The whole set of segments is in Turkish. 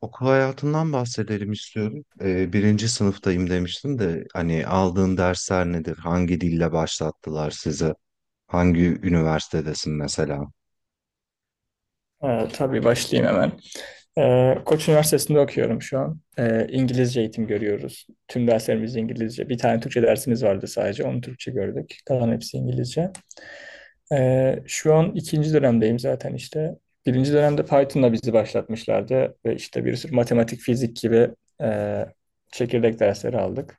Okul hayatından bahsedelim istiyorum. Birinci sınıftayım demiştin de hani aldığın dersler nedir? Hangi dille başlattılar sizi? Hangi üniversitedesin mesela? Tabii başlayayım hemen. Koç Üniversitesi'nde okuyorum şu an. İngilizce eğitim görüyoruz. Tüm derslerimiz İngilizce. Bir tane Türkçe dersimiz vardı sadece. Onu Türkçe gördük. Kalan hepsi İngilizce. Şu an ikinci dönemdeyim zaten işte. Birinci dönemde Python'la bizi başlatmışlardı. Ve işte bir sürü matematik, fizik gibi e, çekirdek dersleri aldık.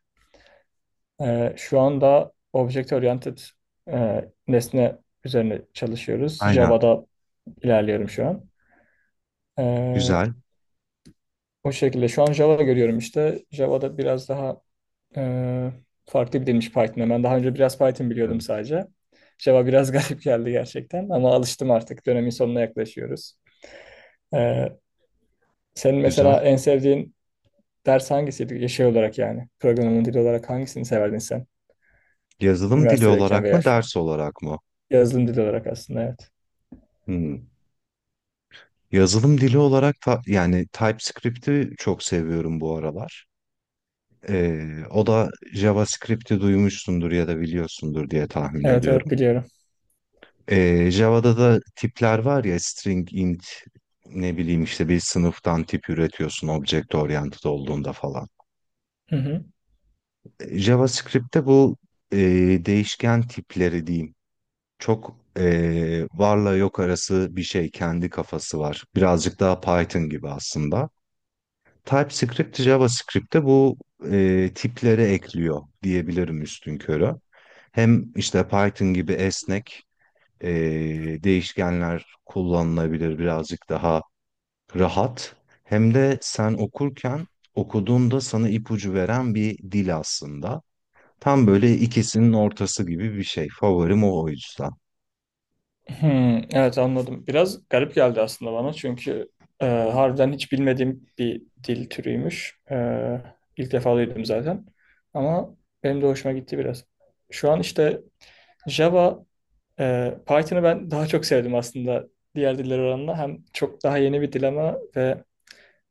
Şu anda Object Oriented nesne üzerine çalışıyoruz. Aynen. Java'da ilerliyorum şu an. Ee, Güzel. O şekilde. Şu an Java görüyorum işte. Java'da biraz daha e, farklı bir dilmiş Python'a. Ben daha önce biraz Python biliyordum Evet. sadece. Java biraz garip geldi gerçekten ama alıştım artık. Dönemin sonuna yaklaşıyoruz. E, Senin Güzel. mesela en sevdiğin ders hangisiydi? Şey olarak yani. Programın dili olarak hangisini severdin sen? Yazılım dili Üniversitedeyken olarak veya mı, şu an. ders olarak mı? Yazılım dili olarak aslında evet. Hmm. Yazılım dili olarak ta- Yani TypeScript'i çok seviyorum bu aralar. O da JavaScript'i duymuşsundur ya da biliyorsundur diye tahmin Evet, evet, ediyorum. biliyorum. Java'da da tipler var ya, string, int, ne bileyim işte bir sınıftan tip üretiyorsun object oriented olduğunda falan. Hı hı. JavaScript'te bu e, değişken tipleri diyeyim, çok varla yok arası bir şey, kendi kafası var. Birazcık daha Python gibi aslında. TypeScript JavaScript'te bu tipleri ekliyor diyebilirim üstünkörü. Hem işte Python gibi esnek e, değişkenler kullanılabilir, birazcık daha rahat. Hem de sen okurken okuduğunda sana ipucu veren bir dil aslında. Tam böyle ikisinin ortası gibi bir şey. Favorim o, o yüzden. Hmm, evet anladım. Biraz garip geldi aslında bana çünkü harbiden hiç bilmediğim bir dil türüymüş. İlk defa duydum zaten. Ama benim de hoşuma gitti biraz. Şu an işte Java, Python'ı ben daha çok sevdim aslında diğer diller oranla. Hem çok daha yeni bir dil ama ve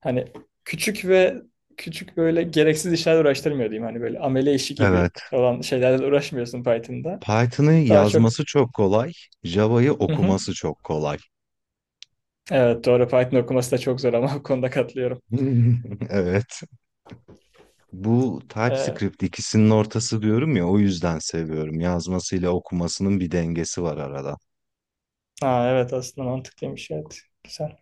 hani küçük ve küçük böyle gereksiz işlerle uğraştırmıyor diyeyim. Hani böyle amele işi gibi Evet. olan şeylerle uğraşmıyorsun Python'da. Python'ı Daha çok... yazması çok kolay, Java'yı Hı hı. okuması çok kolay. Evet doğru Python okuması da çok zor ama bu konuda katılıyorum. Evet. Bu Ee, TypeScript ikisinin ortası diyorum ya, o yüzden seviyorum. Yazmasıyla okumasının bir dengesi var arada. ha, evet aslında mantıklıymış evet. Güzel.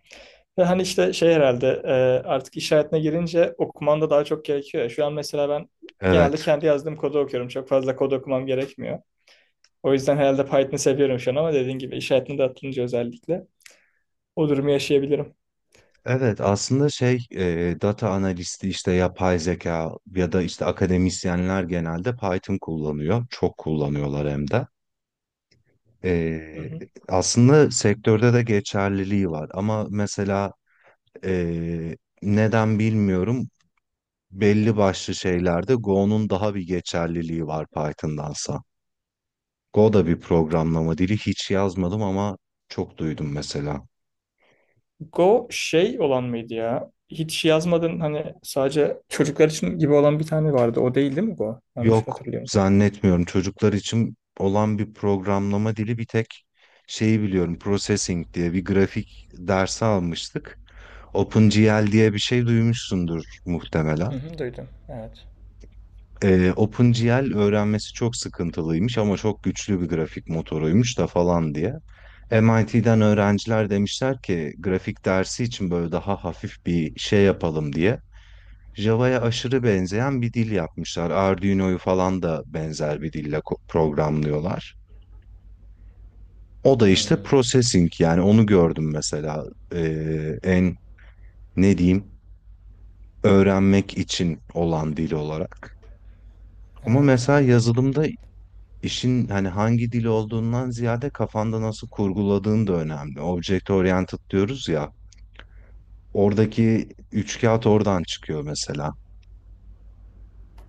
Ve hani işte şey herhalde artık iş hayatına girince okuman da daha çok gerekiyor ya. Şu an mesela ben genelde Evet. kendi yazdığım kodu okuyorum. Çok fazla kod okumam gerekmiyor. O yüzden herhalde Python'ı seviyorum şu an ama dediğin gibi iş hayatına da atılınca özellikle o durumu yaşayabilirim. Evet, aslında şey, data analisti, işte yapay zeka ya da işte akademisyenler genelde Python kullanıyor. Çok kullanıyorlar hem de. Hı E, hı. Aslında sektörde de geçerliliği var ama mesela e, neden bilmiyorum, belli başlı şeylerde Go'nun daha bir geçerliliği var Python'dansa. Go da bir programlama dili, hiç yazmadım ama çok duydum mesela. Go şey olan mıydı ya? Hiç şey yazmadın hani sadece çocuklar için gibi olan bir tane vardı. O değil değil mi Go? Yanlış Yok, hatırlıyorum. zannetmiyorum çocuklar için olan bir programlama dili, bir tek şeyi biliyorum, processing diye bir grafik dersi almıştık. OpenGL diye bir şey duymuşsundur muhtemelen. Hı hı, duydum. Evet. OpenGL öğrenmesi çok sıkıntılıymış ama çok güçlü bir grafik motoruymuş da falan diye. MIT'den öğrenciler demişler ki grafik dersi için böyle daha hafif bir şey yapalım diye. Java'ya aşırı benzeyen bir dil yapmışlar. Arduino'yu falan da benzer bir dille programlıyorlar. O da işte Hmm. processing, yani onu gördüm mesela en, ne diyeyim, öğrenmek için olan dil olarak. Ama Evet mesela anladım. yazılımda İşin hani hangi dil olduğundan ziyade kafanda nasıl kurguladığın da önemli. Object oriented diyoruz ya. Oradaki üç kağıt oradan çıkıyor mesela.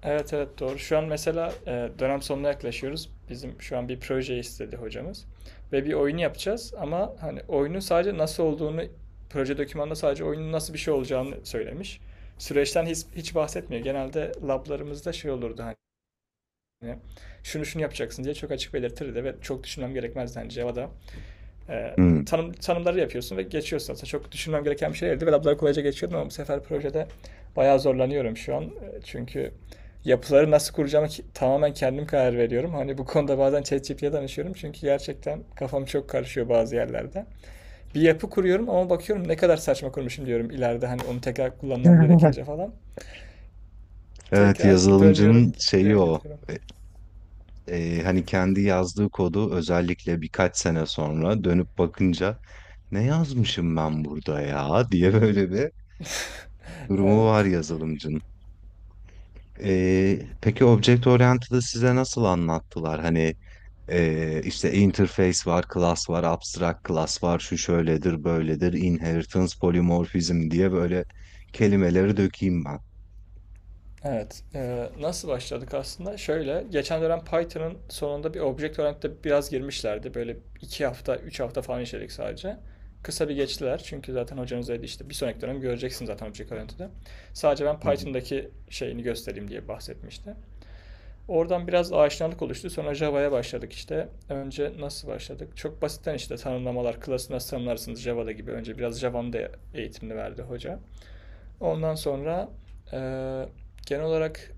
Evet, evet, doğru. Şu an mesela dönem sonuna yaklaşıyoruz. Bizim şu an bir proje istedi hocamız. Ve bir oyunu yapacağız ama hani oyunu sadece nasıl olduğunu proje dokümanında sadece oyunun nasıl bir şey olacağını söylemiş. Süreçten hiç bahsetmiyor. Genelde lablarımızda şey olurdu hani şunu şunu yapacaksın diye çok açık belirtirdi ve çok düşünmem gerekmezdi hani Java'da e, Hmm. Tanımları yapıyorsun ve geçiyorsun. Aslında çok düşünmem gereken bir şey değildi. Ve labları kolayca geçiyordum ama bu sefer projede bayağı zorlanıyorum şu an. Çünkü yapıları nasıl kuracağımı tamamen kendim karar veriyorum. Hani bu konuda bazen ChatGPT'ye danışıyorum çünkü gerçekten kafam çok karışıyor bazı yerlerde. Bir yapı kuruyorum ama bakıyorum ne kadar saçma kurmuşum diyorum ileride hani onu tekrar kullanmam gerekince falan. Evet, Tekrar dönüyorum, yazılımcının şeyi ileri o. gidiyorum. E, Hani kendi yazdığı kodu özellikle birkaç sene sonra dönüp bakınca "ne yazmışım ben burada ya" diye böyle bir durumu var Evet. yazılımcının. Peki Object Oriented'ı size nasıl anlattılar? Hani işte interface var, class var, abstract class var, şu şöyledir, böyledir, inheritance, polymorphism diye böyle kelimeleri dökeyim ben. Evet. Nasıl başladık aslında? Şöyle, geçen dönem Python'ın sonunda bir Object-Oriented'e biraz girmişlerdi. Böyle iki hafta, üç hafta falan işledik sadece. Kısa bir geçtiler. Çünkü zaten hocanız dedi işte bir sonraki dönem göreceksin zaten Object-Oriented'ı. Sadece ben Hı hı, Python'daki şeyini göstereyim diye bahsetmişti. Oradan biraz aşinalık oluştu. Sonra Java'ya başladık işte. Önce nasıl başladık? Çok basitten işte tanımlamalar, klası nasıl tanımlarsınız Java'da gibi. Önce biraz Java'nın da eğitimini verdi hoca. Ondan sonra eee, genel olarak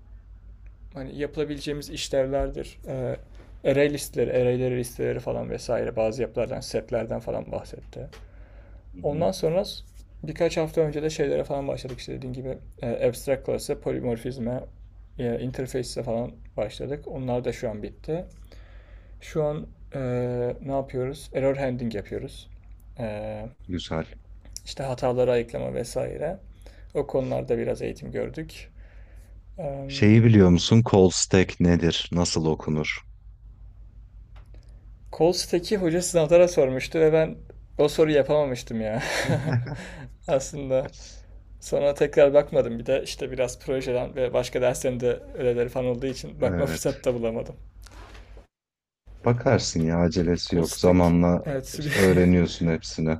hani yapılabileceğimiz işlevlerdir. Array listeleri, arrayleri listeleri falan vesaire bazı yapılardan, setlerden falan bahsetti. hı hı. Ondan sonra birkaç hafta önce de şeylere falan başladık. İşte dediğim gibi abstract class'a, polimorfizme, interface'e falan başladık. Onlar da şu an bitti. Şu an e, ne yapıyoruz? Error handling yapıyoruz. E, Güzel. işte hataları ayıklama vesaire. O konularda biraz eğitim gördük. Şeyi Em, biliyor musun? Call stack nedir? Nasıl okunur? Kol stack'i hoca sınavlara sormuştu ve ben o soruyu yapamamıştım ya. Aslında. Sonra tekrar bakmadım. Bir de işte biraz projeden ve başka derslerin de ödevleri falan olduğu için bakma Evet. fırsatı da bulamadım. Bakarsın ya, acelesi Kol yok. stack. Zamanla Evet. öğreniyorsun hepsini.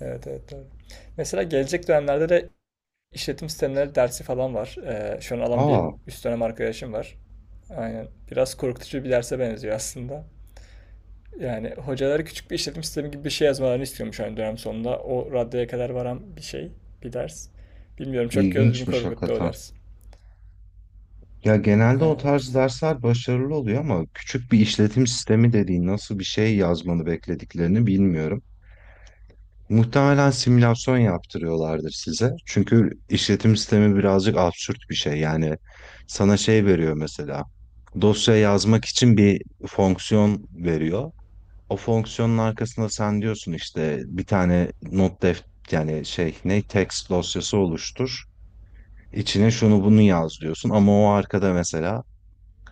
Evet, evet, doğru. Mesela gelecek dönemlerde de işletim sistemleri dersi falan var. Şu an alan bir Aa, üst dönem arkadaşım var. Aynen. Biraz korkutucu bir derse benziyor aslında. Yani hocaları küçük bir işletim sistemi gibi bir şey yazmalarını istiyormuş hani dönem sonunda. O raddeye kadar varan bir şey, bir ders. Bilmiyorum çok gözümü ilginçmiş korkuttu o hakikaten. ders. Ya genelde o tarz Evet. dersler başarılı oluyor ama küçük bir işletim sistemi dediğin nasıl bir şey yazmanı beklediklerini bilmiyorum. Muhtemelen simülasyon yaptırıyorlardır size. Çünkü işletim sistemi birazcık absürt bir şey. Yani sana şey veriyor mesela. Dosya yazmak için bir fonksiyon veriyor. O fonksiyonun arkasında sen diyorsun işte bir tane not def, yani şey, ne, text dosyası oluştur. İçine şunu bunu yaz diyorsun ama o arkada mesela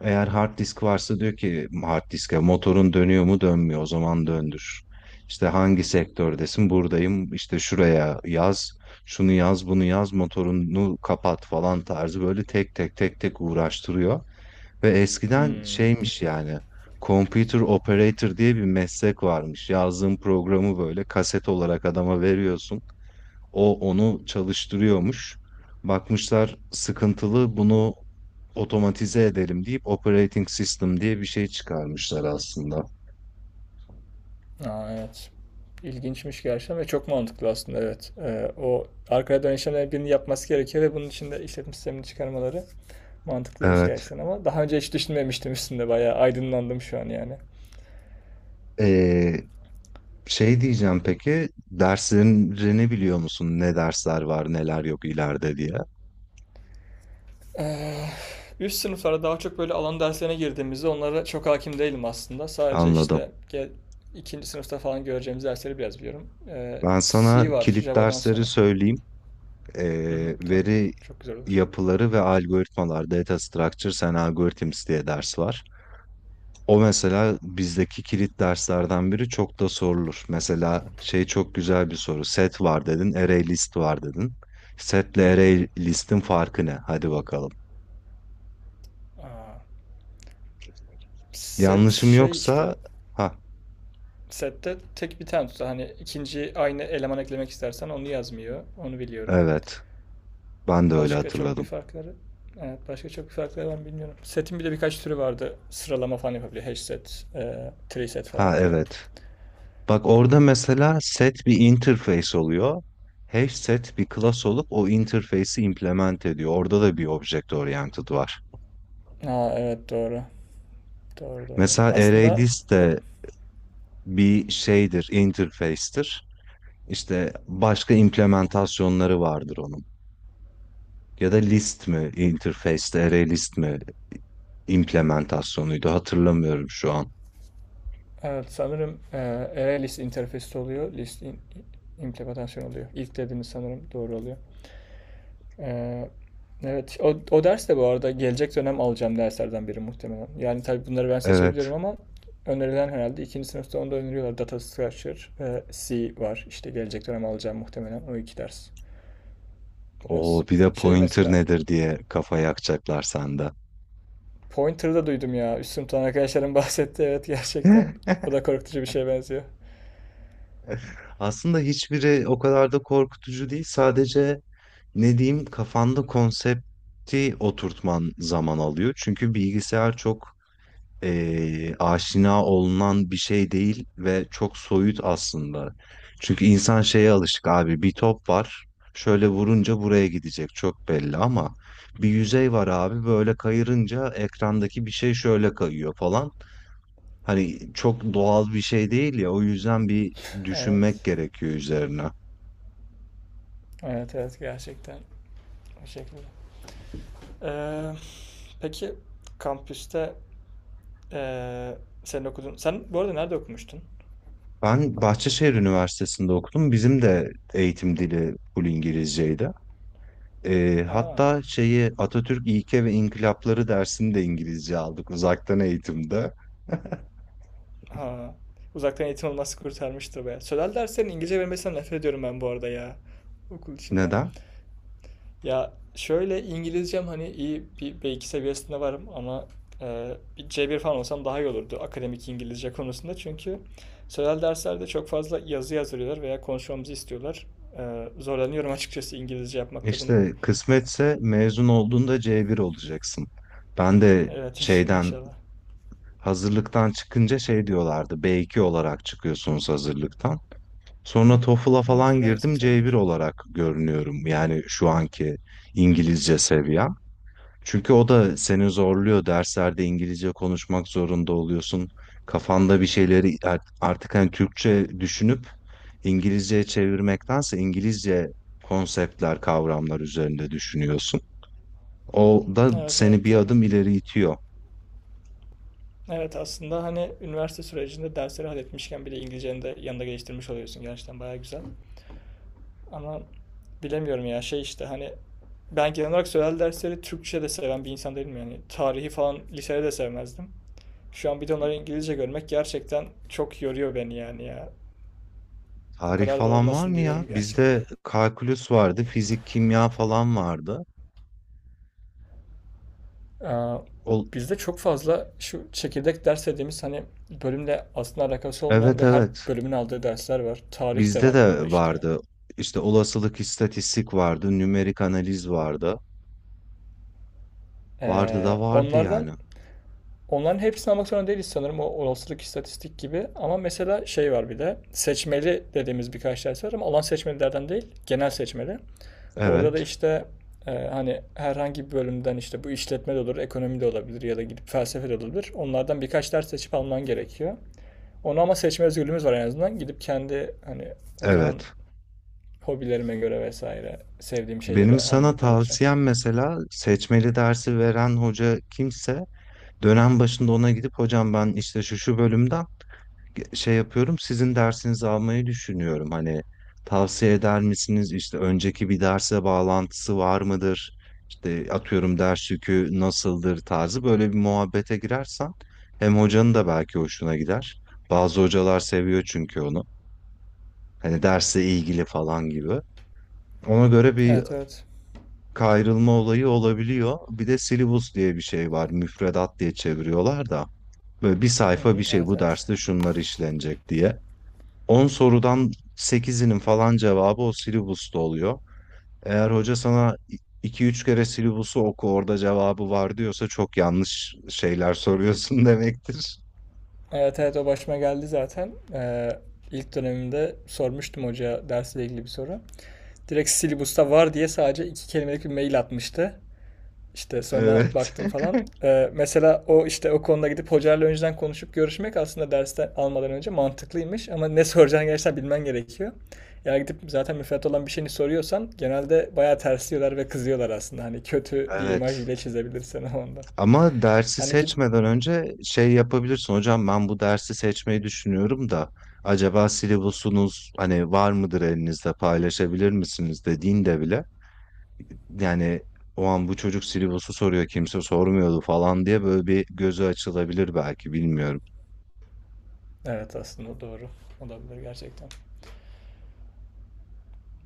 eğer hard disk varsa diyor ki hard diske, motorun dönüyor mu, dönmüyor, o zaman döndür. İşte hangi sektördesin, buradayım, işte şuraya yaz, şunu yaz, bunu yaz, motorunu kapat falan tarzı böyle tek tek tek tek uğraştırıyor. Ve eskiden Hmm. şeymiş yani, computer operator diye bir meslek varmış. Yazdığın programı böyle kaset olarak adama veriyorsun. O onu çalıştırıyormuş. Bakmışlar sıkıntılı, bunu otomatize edelim deyip operating system diye bir şey çıkarmışlar aslında. Aa, evet. İlginçmiş gerçekten ve çok mantıklı aslında evet. O arkaya dön işlemlerinin birini yapması gerekiyor ve bunun için de işletim sistemini çıkarmaları mantıklıymış Evet. gerçekten ama daha önce hiç düşünmemiştim üstünde bayağı aydınlandım şu an yani. Ee, Şey diyeceğim, peki derslerini biliyor musun? Ne dersler var, neler yok ileride diye. Eee, üst sınıflara daha çok böyle alan derslerine girdiğimizde onlara çok hakim değilim aslında. Sadece Anladım. işte gel, ikinci sınıfta falan göreceğimiz dersleri biraz biliyorum. Ben sana C var kilit Java'dan dersleri sonra. söyleyeyim. Hı hı, tabii. Veri Çok güzel olur. yapıları ve algoritmalar, data structures and algorithms diye ders var. O mesela bizdeki kilit derslerden biri, çok da sorulur. Mesela şey çok güzel bir soru. Set var dedin, array list var dedin. Hı Setle hı. array listin farkı ne? Hadi bakalım. Aa, set Yanlışım şey işte. yoksa, ha, Sette tek bir tane tutar. Hani ikinci aynı eleman eklemek istersen onu yazmıyor. Onu biliyorum. evet. Ben de öyle Başka çok bir hatırladım. farkları Evet, başka çok bir farkları ben bilmiyorum. Setin bir de birkaç türü vardı. Sıralama falan yapabiliyor. Hash set, tree set Ha falan diye. evet. Bak orada mesela set bir interface oluyor. Hash set bir class olup o interface'i implement ediyor. Orada da bir object oriented var. Aa, evet doğru. Doğru, doğru. Mesela Aslında ArrayList ö- de bir şeydir, interface'tir. İşte başka implementasyonları vardır onun. Ya da list mi interface, array list mi implementasyonuydu, hatırlamıyorum şu an. evet sanırım array list interfez'te oluyor. İmplementasyon oluyor. İlk dediğiniz sanırım doğru oluyor. E, evet o ders de bu arada gelecek dönem alacağım derslerden biri muhtemelen. Yani tabii bunları ben Evet. seçebilirim ama önerilen herhalde ikinci sınıfta onu da öneriyorlar. Data Structure ve C var. İşte gelecek dönem alacağım muhtemelen o iki ders. O Biraz bir de şeyi pointer mesela nedir diye kafa yakacaklar sende. Pointer'ı da duydum ya. Üst sınıftan arkadaşlarım bahsetti. Evet gerçekten. O da korkutucu bir şeye benziyor. Aslında hiçbiri o kadar da korkutucu değil. Sadece, ne diyeyim, kafanda konsepti oturtman zaman alıyor. Çünkü bilgisayar çok aşina olunan bir şey değil ve çok soyut aslında. Çünkü insan şeye alışık, abi bir top var, şöyle vurunca buraya gidecek, çok belli ama bir yüzey var abi, böyle kayırınca ekrandaki bir şey şöyle kayıyor falan. Hani çok doğal bir şey değil ya, o yüzden bir düşünmek Evet. gerekiyor üzerine. Evet evet gerçekten o şekilde. Ee, peki kampüste ee, senin okudun. Sen bu arada nerede okumuştun? Ben Bahçeşehir Üniversitesi'nde okudum. Bizim de eğitim dili full İngilizceydi. Ha. Hatta şeyi, Atatürk İlke ve İnkılapları dersini de İngilizce aldık, uzaktan eğitimde. Ha. Uzaktan eğitim olması kurtarmıştı be. Sözel derslerin İngilizce vermesinden nefret ediyorum ben bu arada ya. Okul içinde. Neden? Ya şöyle İngilizcem hani iyi bir B2 seviyesinde varım ama bir C1 falan olsam daha iyi olurdu akademik İngilizce konusunda. Çünkü sözel derslerde çok fazla yazı yazdırıyorlar veya konuşmamızı istiyorlar. Zorlanıyorum açıkçası İngilizce yapmakta bunu. İşte kısmetse mezun olduğunda C1 olacaksın. Ben de Evet şeyden, inşallah. hazırlıktan çıkınca şey diyorlardı. B2 olarak çıkıyorsunuz hazırlıktan. Hı, Sonra TOEFL'a hı, falan Bize de aynısını girdim, C1 söylediler. olarak görünüyorum. Yani şu anki İngilizce seviye. Çünkü o da seni zorluyor. Derslerde İngilizce konuşmak zorunda oluyorsun. Kafanda bir şeyleri artık hani Türkçe düşünüp İngilizceye çevirmektense İngilizce konseptler, kavramlar üzerinde düşünüyorsun. O da Evet seni evet bir doğru. adım ileri itiyor. Evet aslında hani üniversite sürecinde dersleri halletmişken bile İngilizceni de yanında geliştirmiş oluyorsun. Gerçekten baya güzel. Ama bilemiyorum ya şey işte hani ben genel olarak sözel dersleri Türkçe de seven bir insan değilim yani. Tarihi falan lisede de sevmezdim. Şu an bir de onları Hmm. İngilizce görmek gerçekten çok yoruyor beni yani ya. Bu Tarih kadar da falan var olmasın mı ya? diyorum gerçekten. Bizde kalkülüs vardı, fizik, kimya falan vardı. Aa, Ol, bizde çok fazla şu çekirdek ders dediğimiz hani bölümle aslında alakası olmayan evet ve her evet. bölümün aldığı dersler var. Tarih de Bizde var bunda de işte. vardı. İşte olasılık, istatistik vardı, nümerik analiz vardı. Vardı da vardı Onlardan yani. Onların hepsini almak zorunda değiliz sanırım o olasılık istatistik gibi. Ama mesela şey var bir de seçmeli dediğimiz birkaç ders var ama alan seçmelilerden değil genel seçmeli. Orada da Evet, işte hani herhangi bir bölümden işte bu işletme de olur, ekonomi de olabilir ya da gidip felsefe de olabilir. Onlardan birkaç ders seçip alman gerekiyor. Onu ama seçme özgürlüğümüz var en azından. Gidip kendi hani o zaman evet. hobilerime göre vesaire sevdiğim şeyleri Benim sana alacağım. tavsiyem, mesela seçmeli dersi veren hoca kimse dönem başında ona gidip "hocam ben işte şu şu bölümden şey yapıyorum, sizin dersinizi almayı düşünüyorum. Hani tavsiye eder misiniz, işte önceki bir derse bağlantısı var mıdır? İşte atıyorum ders yükü nasıldır" tarzı böyle bir muhabbete girersen hem hocanın da belki hoşuna gider. Bazı hocalar seviyor çünkü onu. Hani derse ilgili falan gibi. Ona göre bir Evet evet. kayrılma olayı olabiliyor. Bir de syllabus diye bir şey var. Müfredat diye çeviriyorlar da. Böyle bir Hı sayfa hı, bir şey, Evet bu evet. derste şunlar işlenecek diye. 10 sorudan sekizinin falan cevabı o syllabus'ta oluyor. Eğer hoca sana iki üç kere "syllabus'u oku, orada cevabı var" diyorsa çok yanlış şeyler soruyorsun demektir. Evet, evet, o başıma geldi zaten. İlk dönemimde sormuştum hocaya dersle ilgili bir soru. Direkt Silibus'ta var diye sadece iki kelimelik bir mail atmıştı. İşte sonra Evet. baktım falan. Mesela o işte o konuda gidip hocayla önceden konuşup görüşmek aslında dersten almadan önce mantıklıymış. Ama ne soracağını gerçekten bilmen gerekiyor. Yani gidip zaten müfredat olan bir şeyini soruyorsan genelde bayağı tersliyorlar ve kızıyorlar aslında. Hani kötü bir imaj Evet. bile çizebilirsin o anda. Ama dersi Hani gidip seçmeden önce şey yapabilirsin. "Hocam ben bu dersi seçmeyi düşünüyorum da acaba syllabus'unuz, hani var mıdır elinizde, paylaşabilir misiniz" dediğinde bile, yani, "o an bu çocuk syllabus'u soruyor, kimse sormuyordu" falan diye böyle bir gözü açılabilir belki, bilmiyorum. evet aslında doğru olabilir gerçekten.